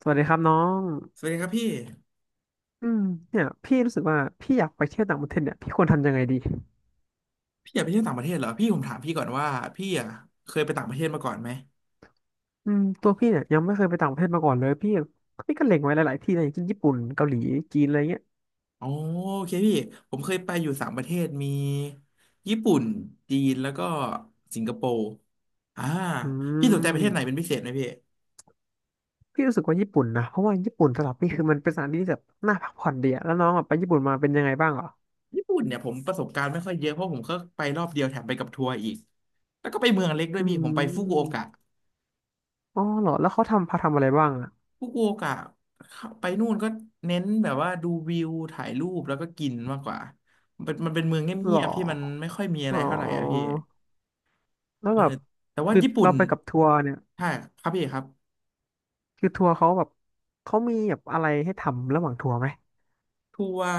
สวัสดีครับน้องสวัสดีครับพี่อืมเนี่ยพี่รู้สึกว่าพี่อยากไปเที่ยวต่างประเทศเนี่ยพี่ควรทำยังไงดีพี่อยากไปเที่ยวต่างประเทศเหรอพี่ผมถามพี่ก่อนว่าพี่เคยไปต่างประเทศมาก่อนไหมอืมตัวพี่เนี่ยยังไม่เคยไปต่างประเทศมาก่อนเลยพี่พี่ก็เล็งไว้หลายๆที่นะอย่างเช่นญี่ปุ่นเกาหลีจีนอะไรเงี้ยอ๋อโอเคพี่ผมเคยไปอยู่3 ประเทศมีญี่ปุ่นจีนแล้วก็สิงคโปร์อ่าอืพี่สนใจประเทศไหนเป็มนพิเศษไหมพี่พี่รู้สึกว่าญี่ปุ่นนะเพราะว่าญี่ปุ่นสำหรับพี่คือมันเป็นสถานที่ที่แบบน่าพักผ่อนดีอะแล้วน้องอะไปญี่ปุ่นมาเป็นยังไงบ้างเหรอญี่ปุ่นเนี่ยผมประสบการณ์ไม่ค่อยเยอะเพราะผมก็ไปรอบเดียวแถมไปกับทัวร์อีกแล้วก็ไปเมืองเล็กด้วอืยพี่ผมไปฟุกุโอกะ มอ๋อเหรอแล้วเขาทำพาทำอะไรบ้างอะฟุกุโอกะไปนู่นก็เน้นแบบว่าดูวิวถ่ายรูปแล้วก็กินมากกว่ามันเป็นเมืองเเหรงียอบๆที่มันไม่ค่อยมีอะไรอ๋อเท่าไหร่อะพี่แล้วเออแบบแต่ว่าคือญี่ปุ่นเราไปกับทัวร์เนี่ยใช่ครับพี่ครับคือทัวร์เขาแบบเขามีแบบอะไรให้ทำระหว่างทัวร์ไหม ทัวร์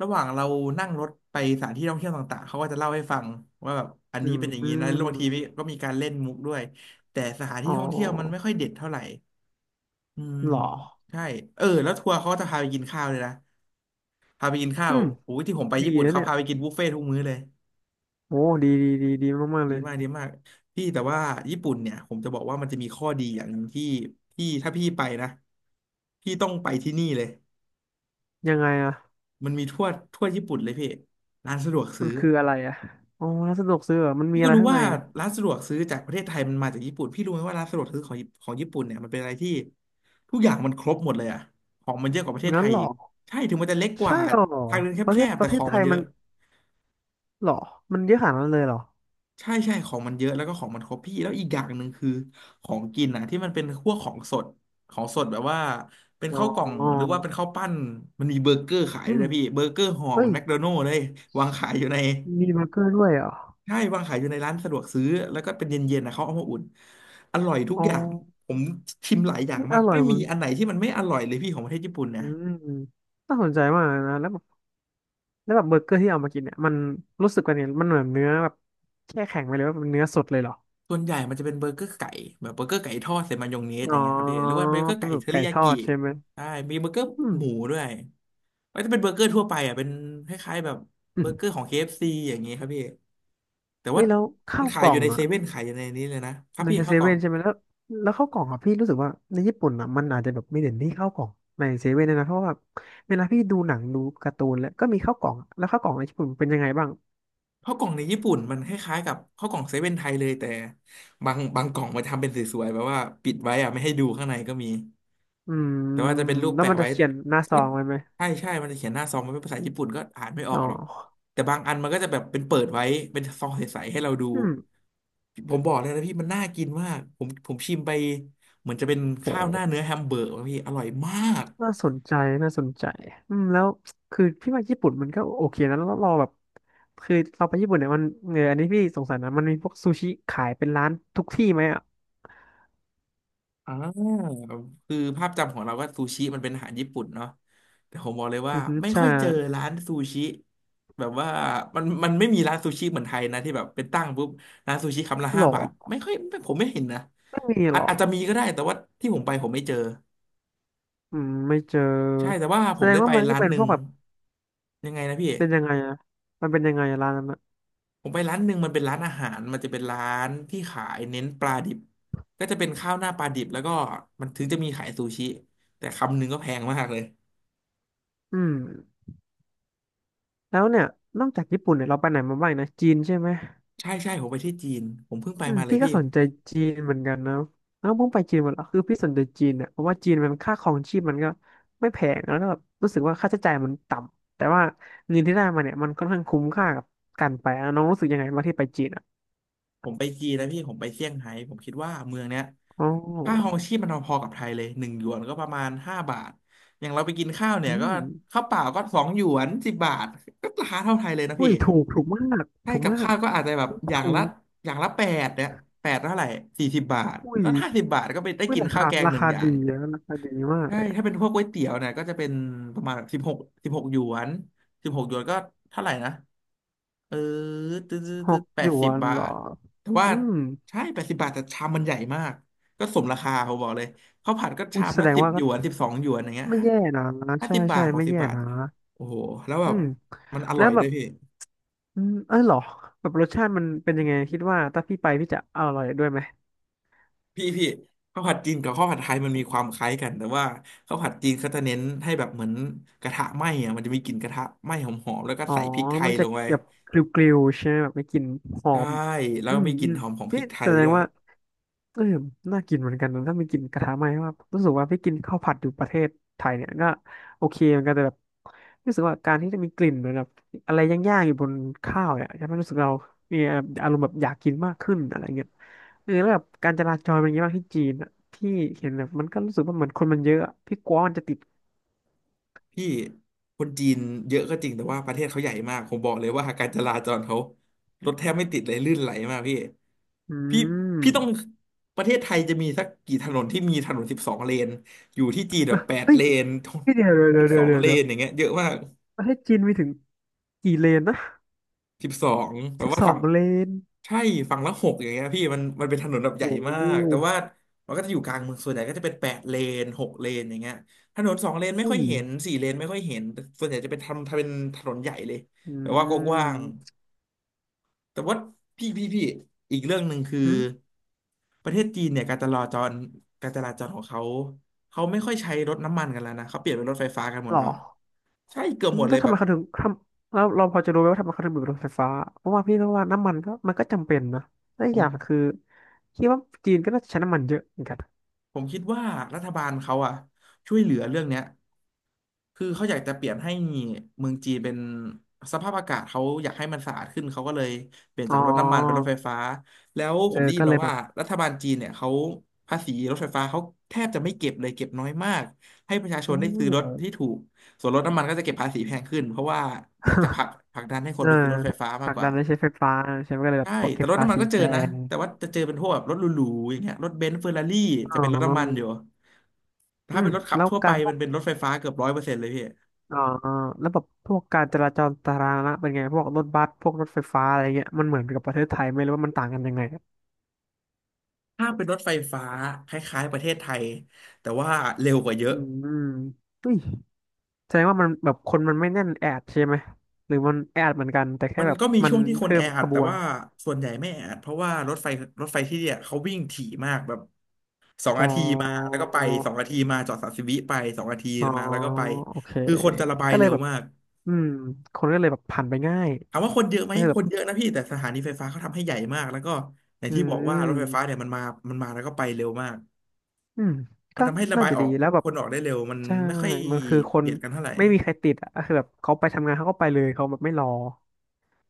ระหว่างเรานั่งรถไปสถานที่ท่องเที่ยวต่างๆเขาก็จะเล่าให้ฟังว่าแบบอันอืนี้มเป็นอย่างอนี้นะแล้วบางมทีก็มีการเล่นมุกด้วยแต่สถานอ๋ที่อท่องเที่ยวมันไม่ค่อยเด็ดเท่าไหร่อืมเหรอใช่เออแล้วทัวร์เขาก็จะพาไปกินข้าวเลยนะพาไปกินข้าอืวมโอ้ยที่ผมไปดีญี่ปุ่นนะเขาเนี่ยพาไปกินบุฟเฟ่ทุกมื้อเลย โอ้ดีดีดีดีมากๆดีเลยมากดีมากพี่แต่ว่าญี่ปุ่นเนี่ยผมจะบอกว่ามันจะมีข้อดีอย่างหนึ่งที่พี่ถ้าพี่ไปนะพี่ต้องไปที่นี่เลยยังไงอะมันมีทั่วญี่ปุ่นเลยพี่ร้านสะดวกมัซื้นอคืออะไรอะอ๋อร้านสะดวกซื้อเหรอมันมีพี่ก็อะไรรู้ข้างในว่าอะร้านสะดวกซื้อจากประเทศไทยมันมาจากญี่ปุ่นพี่รู้ไหมว่าร้านสะดวกซื้อของญี่ปุ่นเนี่ยมันเป็นอะไรที่ทุกอย่างมันครบหมดเลยอะของมันเยอะกว่าประเทศไทงั้นยเหรออีกใช่ถึงมันจะเล็กกใช่ว่าหรอทางเดินประแคเทศบๆปแต่ระเทขศองไทมันยเยมัอะ นเหรอมันเยอะขนาดนั้นเลยเหรอ ใช่ใช่ของมันเยอะแล้วก็ของมันครบพี่แล้วอีกอย่างหนึ่งคือของกินนะที่มันเป็นพวกของสดของสดแบบว่าเป็นอข้าวกล่อง๋อหรือว่าเป็นข้าวปั้นมันมีเบอร์เกอร์ขายอืด้วยมนะพี่เบอร์เกอร์ห่อเหเฮ้มือยนแมคโดนัลด์เลยวางขายอยู่ในมีเบอร์เกอร์ด้วยเหรอใช่วางขายอยู่ในร้านสะดวกซื้อแล้วก็เป็นเย็นๆนะเขาเอามาอุ่นอร่อยทุกอ๋ออย่างผมชิมหลายอย่างนี่อมากร่อไม่ยหมีมันอันไหนที่มันไม่อร่อยเลยพี่ของประเทศญี่ปุ่นนะอืมน่าสนใจมากเลยนะแล้วแบบแล้วแบบเบอร์เกอร์ที่เอามากินเนี่ยมันรู้สึกว่าเนี่ยมันเหมือนเนื้อแบบแช่แข็งไปเลยว่าเป็นเนื้อสดเลยเหรอ ส่วนใหญ่มันจะเป็นเบอร์เกอร์ไก่แบบเบอร์เกอร์ไก่ทอดใส่มายองเนสออ๋อย่างเงี้ยครับพี่หรือว่าเบอร์เกอร์เป็ไก่นแบเทบอไก่ริยาทอกิดใช่ไหมใช่มีเบอร์เกอร์อืมหมูด้วย มันจะเป็นเบอร์เกอร์ทั่วไปอ่ะเป็นคล้ายๆแบบอืเบอมร์เกอร์ของ KFC อฟซีอย่างงี้ครับพี่แต่เฮ้ว่ายแล้วมัข้านวขากยล่ออยู่งในเซอ่ะเว่นขายอยู่ในนี้เลยนะครับในพี่เซข้าวกล่อเว่งนใช่ไหม แล้วแล้วข้าวกล่องอ่ะพี่รู้สึกว่าในญี่ปุ่นอ่ะมันอาจจะแบบไม่เด่นที่ข้าวกล่องในเซเว่นนะนะเพราะว่าแบบเวลาพี่ดูหนังดูการ์ตูนแล้วก็มีข้าวกล่องแล้วข้าวกล่องในญี่ปุ่นเป็นยังไงบ้างข้าวกล่องในญี่ปุ่นมันคล้ายๆกับข้าวกล่องเซเว่นไทยเลยแต่บางกล่องมันทำเป็นสวยๆแบบว่าปิดไว้อ่ะไม่ให้ดูข้างในก็มีอืมแต่ว่าจะเป็นรูปแล้วแปะมันจะไว้เขียนหน้าซองไว้ไหมใช่ใช่มันจะเขียนหน้าซองมันเป็นภาษาญี่ปุ่นก็อ่านไม่อออ๋กอหรอกแต่บางอันมันก็จะแบบเป็นเปิดไว้เป็นซองใสๆให้เราดู อืมผมบอกเลยนะพี่มันน่ากินมากผมชิมไปเหมือนจะเป็นข้าวหน้าโห เนื้อแฮมเบอร์กนะพี่อร่อยมากน่าสนใจน่าสนใจอืมแล้วคือพี่ว่าญี่ปุ่นมันก็โอเคนะแล้วเราแบบคือเราไปญี่ปุ่นเนี่ยมันเอออันนี้พี่สงสัยนะมันมีพวกซูชิขายเป็นร้านทุกที่ไหมอ่ะอ่าคือภาพจำของเราก็ซูชิมันเป็นอาหารญี่ปุ่นเนาะแต่ผมบอกเลยว่าอือฮึไม่ใช่ค่อยเจอร้านซูชิแบบว่ามันไม่มีร้านซูชิเหมือนไทยนะที่แบบเป็นตั้งปุ๊บร้านซูชิคำละหรห้าอบาทไม่ค่อยไม่ผมไม่เห็นนะไม่มีอาหรจออาจจะมีก็ได้แต่ว่าที่ผมไปผมไม่เจออืมไม่เจอใช่แต่ว่าผแสมดงได้ว่าไปมันก็ร้านเป็นหพนึ่วงกแบบยังไงนะพี่ เป็นยังไงอะมันเป็นยังไงอะร้านนั้นอะผมไปร้านหนึ่งมันเป็นร้านอาหารมันจะเป็นร้านที่ขายเน้นปลาดิบก็จะเป็นข้าวหน้าปลาดิบแล้วก็มันถึงจะมีขายซูชิแต่คำหนึ่งก็แพงมากเลยอืมแล้วเนี่ยนอกจากญี่ปุ่นเนี่ยเราไปไหนมาบ้างนะจีนใช่ไหม ใช่ใช่ผมไปที่จีนผมเพิ่งไปอืมมาเลยพี่ก็พี่สนใจจีนเหมือนกันนะแล้วเพิ่งไปจีนหมดแล้วคือพี่สนใจจีนเนี่ยเพราะว่าจีนมันค่าครองชีพมันก็ไม่แพงแล้วก็แบบรู้สึกว่าค่าใช้จ่ายมันต่ำแต่ว่าเงินที่ได้มาเนี่ยมันค่อนข้างคุ้มค่ากับการไปอ่ะน้องรู้สึกยังไงบ้างที่ไปจีนอ่ะผมไปจีนแล้วพี่ผมไปเซี่ยงไฮ้ผมคิดว่าเมืองเนี้ยอ๋ค่าครอองชีพมันพอๆกับไทยเลย1 หยวนก็ประมาณห้าบาทอย่างเราไปกินข้าวเนี่อืยก็มข้าวเปล่าก็2 หยวน10 บาทก็ราคาเท่าไทยเลยนะอุ้พี่ ยถูกถูกมากใช่ถูกกับมากข้าวก็อาจจะแบบอย่างถูละกอย่างละแปดเนี่ยแปดเท่าไหร่สี่สิบบาทอุ้ยก็ห้าสิบบาทก็ไปได้อุ้ยกินราข้าวคาแกงราหนึ่งคาอย่าดีงนะราคาดีมาใช่กถ้าเป็นพวกก๋วยเตี๋ยวเนี่ยก็จะเป็นประมาณสิบหกสิบหกหยวนสิบหกหยวนก็เท่าไหร่นะเออตึ๊สิบหกดแปหยดสิวบนบาเหรอทแต่ว่าอืมใช่แปดสิบบาทแต่ชามมันใหญ่มากก็สมราคาผมบอกเลยข้าวผัดก็อุ้ชายมแสละดงสิบว่าหยก็วนสิบสองหยวนอย่างเงี้ยไม่แย่นะห้าใช่สิบบาใช่ทหกไม่สิบแย่บาทนะ โอ้โหแล้วแบอืบมมันอแล้ร่อวยแบด้วบยพี่ อืมเออเหรอแบบรสชาติมันเป็นยังไงคิดว่าถ้าพี่ไปพี่จะอร่อยด้วยไหมพี่พี่ข้าวผัดจีนกับข้าวผัดไทยมันมีความคล้ายกันแต่ว่าข้าวผัดจีนเขาจะเน้นให้แบบเหมือนกระทะไหม้อะมันจะมีกลิ่นกระทะไหม้หอมๆแล้วก็อ๋อใส่พริกไทมัยนจะลงไปแบบกริวๆใช่ไหมแบบไม่กลินหอใช่มแล้วอืก็มมีกลิ่อืนมหอมของพรินี่กไทแสยดด้งวยว่า เออน่ากินเหมือนกันนะถ้าไม่กินกระทะไหม้ว่ารู้สึกว่าพี่กินข้าวผัดอยู่ประเทศไทยเนี่ยก็โอเคเหมือนกันแต่แบบรู้สึกว่าการที่จะมีกลิ่นเหมือนแบบอะไรย่างๆอยู่บนข้าวเนี่ยจะไม่รู้สึกเรามีอารมณ์แบบอยากกินมากขึ้นอะไรเงี้ยเออแล้วแบบการจราจรเป็นยังไงบ้างที่จีนอะที่เห็นแบบมันก็รู้สึกว่าเหมือนคนมันเยอะอะพี่กลัวมันจะติดพี่คนจีนเยอะก็จริงแต่ว่าประเทศเขาใหญ่มากผมบอกเลยว่าการจราจรเขารถแทบไม่ติดเลยลื่นไหลมากพี่อืพี่มพี่ต้องประเทศไทยจะมีสักกี่ถนนที่มีถนนสิบสองเลนอยู่ที่จีนแบบแปดเฮ้ยเลน พี่เดี๋ยว เดี๋สิยวบสเดี๋ยอวงเดี๋ยวเลเดี๋ยวเดี๋ยวนอย่างเงี้ยเยอะมาก ประเทศจีนมีถึงกี่เลนนะสิบสองแบบสิบว่าสอฝั่งงเลนใช่ฝั่งละหกอย่างเงี้ยพี่มันเป็นถนนแบบใหโอ้ญ่มาโหกแต่ว่ามันก็จะอยู่กลางเมืองส่วนใหญ่ก็จะเป็นแปดเลนหกเลนอย่างเงี้ยถนนสองเลนไม่อุ้ค่อยยเห็นสี่เลนไม่ค่อยเห็นแต่ส่วนใหญ่จะเป็นทำเป็นถนนใหญ่เลยอแบบว่ากืว้างๆแต่ว่าพี่อีกเรื่องหนึ่งคือม ประเทศจีนเนี่ยการจราจรของเขาเขาไม่ค่อยใช้รถน้ำมันกันแล้วนะเขาเปลี่ยนเป็นรถไฟฟ้ากันหมหดรอแล้วใช่เกือบอืหมมดเลถ้ายทำแบไมบเขาถึงทำแล้วเราพอจะรู้ไหมว่าทำไมเขาถึงมีรถไฟฟ้าเพราะว่าพี่ก็ว่าน้ำมันก็มันก็จำเป็นนะและอีผกอม ย่างคือคิดว่าจีนก็น่าจะใช้น้ำมันเยอะเหมือนกันผมคิดว่ารัฐบาลเขาอะช่วยเหลือเรื่องเนี้ยคือเขาอยากจะเปลี่ยนให้เมืองจีนเป็นสภาพอากาศเขาอยากให้มันสะอาดขึ้นเขาก็เลยเปลี่ยนอ๋จาอกรถน้ำมันเป็นรถไฟฟ้าแล้วเอผอมได้ยิก็นเลมายแบว่าบ รัฐบาลจีนเนี่ยเขาภาษีรถไฟฟ้าเขาแทบจะไม่เก็บเลยเก็บน้อยมากให้ประชาช อืนได้ซื้อรถที่ม ถูกส่วนรถน้ำมันก็จะเก็บภาษีแพงขึ้นเพราะว่าอยากจะผ ลักผลักดันให้คเอนอไปซื้อรถไฟฟ้าผมากลักกดัว่านให้ใช้ไฟฟ้าใช่ไหมก็เลยแบใช่บแต่เก็บรถภาน้ำมันษีก็เจแพอนะงแต่ว่าจะเจอเป็นพวกแบบรถหรูๆอย่างเงี้ยรถเบนซ์เฟอร์รารี่จะอ๋เป็นรถน้ำมันอยู่ ออืถ้าเป็มนรถขับแล้วทั่วไปการพวมักนเป็นรถไฟฟ้าเกือบร้อยเปอร์เซ็นต์เลยพี่อ๋อแล้วแบบพวกการจราจรสาธารณะเป็นไงพวกรถบัสพวกรถไฟฟ้าอะไรเงี้ยมันเหมือนกับประเทศไทยไหมหรือว่ามันต่างกันยังไงอะถ้าเป็นรถไฟฟ้าคล้ายๆประเทศไทยแต่ว่าเร็วกว่าเยอะอืมอุ้ย แสดงว่ามันแบบคนมันไม่แน่นแออัดใช่ไหมหรือมันแออัดเหมือนกันแต่แค่มันแบบก็มีมัช่นวงที่คนเพิ่แอมขอัดบแต่วนว่าส่วนใหญ่ไม่แออัดเพราะว่ารถไฟที่เนี่ยเขาวิ่งถี่มากแบบสองอ๋อนาทีมาแล้วก็ไปสองนาทีมาจอดสามสิบวิไปสองนาทีอ๋อมาแล้วก็ไปโอเคคือคนจะระบายก็เลเร็ยวแบบมากอืมคนก็เลยแบบผ่านไปง่ายถามว่าคนเยอะไหมก็คือคแบบนเยอะนะพี่แต่สถานีไฟฟ้าเขาทำให้ใหญ่มากแล้วก็อย่างอืที่บอกว่ารถไฟฟ้าเนี่มยมันมาแล้วก็ไปเร็วมาก อืมมันก็ทำให้ระน่าบายจะออดีกแล้วแบคบนออกได้เร็วมันใช่ไม่ค่อยมันคือคนเบียดกันเท่าไหร่ไม่มีใครติดอ่ะก็คือแบบเขาไปทำงานเขาก็ไปเลยเขาแบบไม่รอ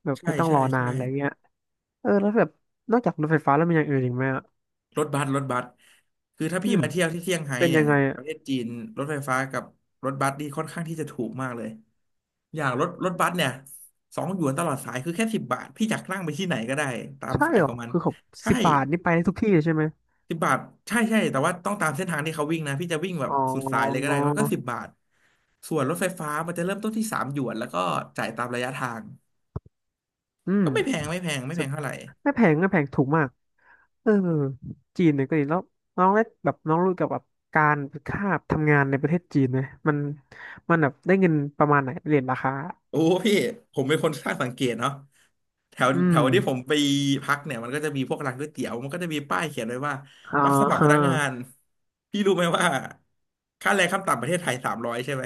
แบบใช่ไม่ต้องรใช่อนาใช่นอะไรเงี้ยเออแล้วแบบนอกจากรถไฟฟ้าแล้วมีอย่างอื่นอีกไหมอ่ะรถบัสคือถ้าอืพี่มมาเที่ยวที่เซี่ยงไฮ้เป็นเนี่ยัยงไงปอ่ะระเทศจีนรถไฟฟ้ากับรถบัสนี่ค่อนข้างที่จะถูกมากเลยอย่างรถบัสเนี่ยสองหยวนตลอดสายคือแค่สิบบาทพี่อยากนั่งไปที่ไหนก็ได้ตามใช่สายเหรขอองมันคือเขาใช่สิบบาทนี่ไปได้ทุกที่เลยใช่ไหม สิบบาทใช่ใช่แต่ว่าต้องตามเส้นทางที่เขาวิ่งนะพี่จะวิ่งแบบอ๋อ สุดสายเลยก็ได้มันก็สิบบาทส่วนรถไฟฟ้ามันจะเริ่มต้นที่สามหยวนแล้วก็จ่ายตามระยะทางอืมก็ไม่แพงไม่แพงไม่สแพดงเท่าไหร่ ไม่แพงไม่แพงถูกมากเออจีนเนี่ยก็ดีแล้วน้องได้แบบน้องรู้เกี่ยวกับการค่าทำงานในประเทศจีนไหมมันมันแบบได้เงินประมาณไหนเรียนราคา โอ้พี่ผมเป็นคนช่างสังเกตเนาะแถวอืแถมวที่ผมไปพักเนี่ยมันก็จะมีพวกร้านก๋วยเตี๋ยวมันก็จะมีป้ายเขียนไว้ว่าอ่ารับสมัครพฮะนักงานพี่รู้ไหมว่าค่าแรงขั้นต่ำประเทศไทยสามร้อยใช่ไหม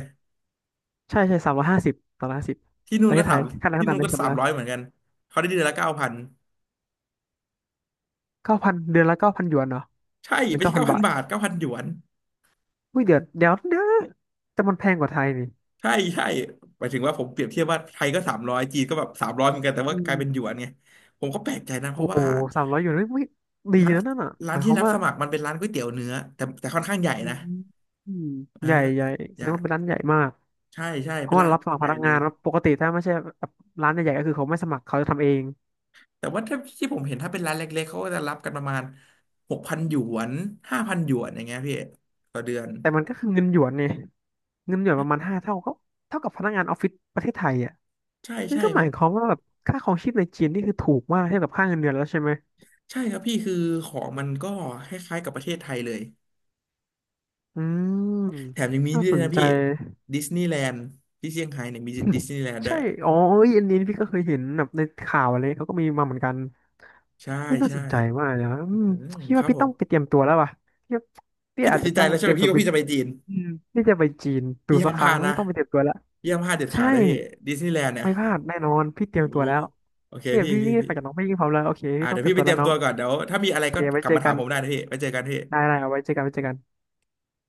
ใช่ ใช่สามร้อยห้าสิบสามร้อยห้าสิบที่นู่ปนระเทก็ศไทสายมค่าแรงที่ขั้นนู่ต่ำนเป็ก็นสามสามร้อร้อยเหยมือนกันเขาได้เดือนละเก้าพันเก้าพัน เดือนละเก้าพันหยวนเนาะใช่หรือไม่เก้าใช่พัเก้านพับานทบาทเก้าพันหยวนอุ้ยเดี๋ยวเดี๋ยวเดี๋ยวแต่มันแพงกว่าไทยนี่ใช่ใช่หมายถึงว่าผมเปรียบเทียบว่าไทยก็สามร้อยจีนก็แบบสามร้อยเหมือนกันแต่อืว่ากลายเป็นหยมวนไงผมก็แปลกใจนะเพโอ้ราะโหว่าสามร้อยหยวนเฮ้ยไม่ดีร้านนะนั่นอ่ะหร้านมายคที่วามรับว่า สมัครมันเป็นร้านก๋วยเตี๋ยวเนื้อแต่แต่ค่อนข้างใหญ่อืนะ มอืมเออใหญ่ใหญ่แสใหดญ่งว่าเป็นร้านใหญ่มากใช่ใช่ เพเป็นราะว่าร้านรัค่บอนสมัข้าคงรใหพญ่นักเลงาย นแล้วปกติถ้าไม่ใช่แบบร้านใหญ่ๆก็คือเขาไม่สมัครเขาจะทำเองแต่ว่าถ้าที่ผมเห็นถ้าเป็นร้านเล็กๆ เขาก็จะรับกันประมาณหกพันหยวนห้าพันหยวนอย่างเงี้ยพี่ต่อเดือนแต่มันก็คือเงินหยวนเนี่ยเงินหยวนประมาณห้าเท่าก็เท่ากับพนักงานออฟฟิศประเทศไทยอ่ะใช่นั่นใช่ก็เพหมายราะความว่าแบบค่าครองชีพในจีนนี่คือถูกมากเทียบกับค่าเงินเดือนแล้วใช่ไหมใช่ครับพี่คือของมันก็คล้ายๆกับประเทศไทยเลยอืมแถมยังมีน่านี่ด้สวยนนะใจ พี่ดิสนีย์แลนด์ที่เซี่ยงไฮ้เนี่ยมีดิสนีย์แลนด์ ด้วใช่ยอ๋อเอ้ยอันนี้พี่ก็เคยเห็นแบบในข่าวอะไรเขาก็มีมาเหมือนกัน ใช่ไม่น่าใช่สนใจมากเลยนะอือืมมพี่คว่ารับพี่ผต้อมงไปเตรียมตัวแล้วว่ะพี่ว่าพี่พี่ตัอาจดจะสินใจต้องแล้วใช่เตไหรีมยมตัพี่วว่าบินพี่จะไปจีนอืมพี่จะไปจีนดูพี่สัห้ากมคพรั้ลางดนะไม่ต้องไปเตรียมตัวแล้วพี่ห้ามพลาดเด็ดใช่ ขาดนะพี่ดิสนีย์แลนด์เนี่ยไม่พลาดแน่นอนพี่เตรียมโอ้ตัวโหแล้วโอเคเนี่ยพี่พี่พี่นี่พี่ ฝากจากน้องพี่ยิ่งพร้อมแล้วโอเคอ่าพี่ต้องเดี๋ยเตวรียมพี่ไปตัวเตแล้รีวยมน้อตังวก่อนเดี๋ยวถ้ามีอะไรโอเคก็ไว้กลับเจอมาถากัมนผมได้นะพี่ไปเจอกันพี่ได้ได้เอาไว้เจอกันไว้เจอกัน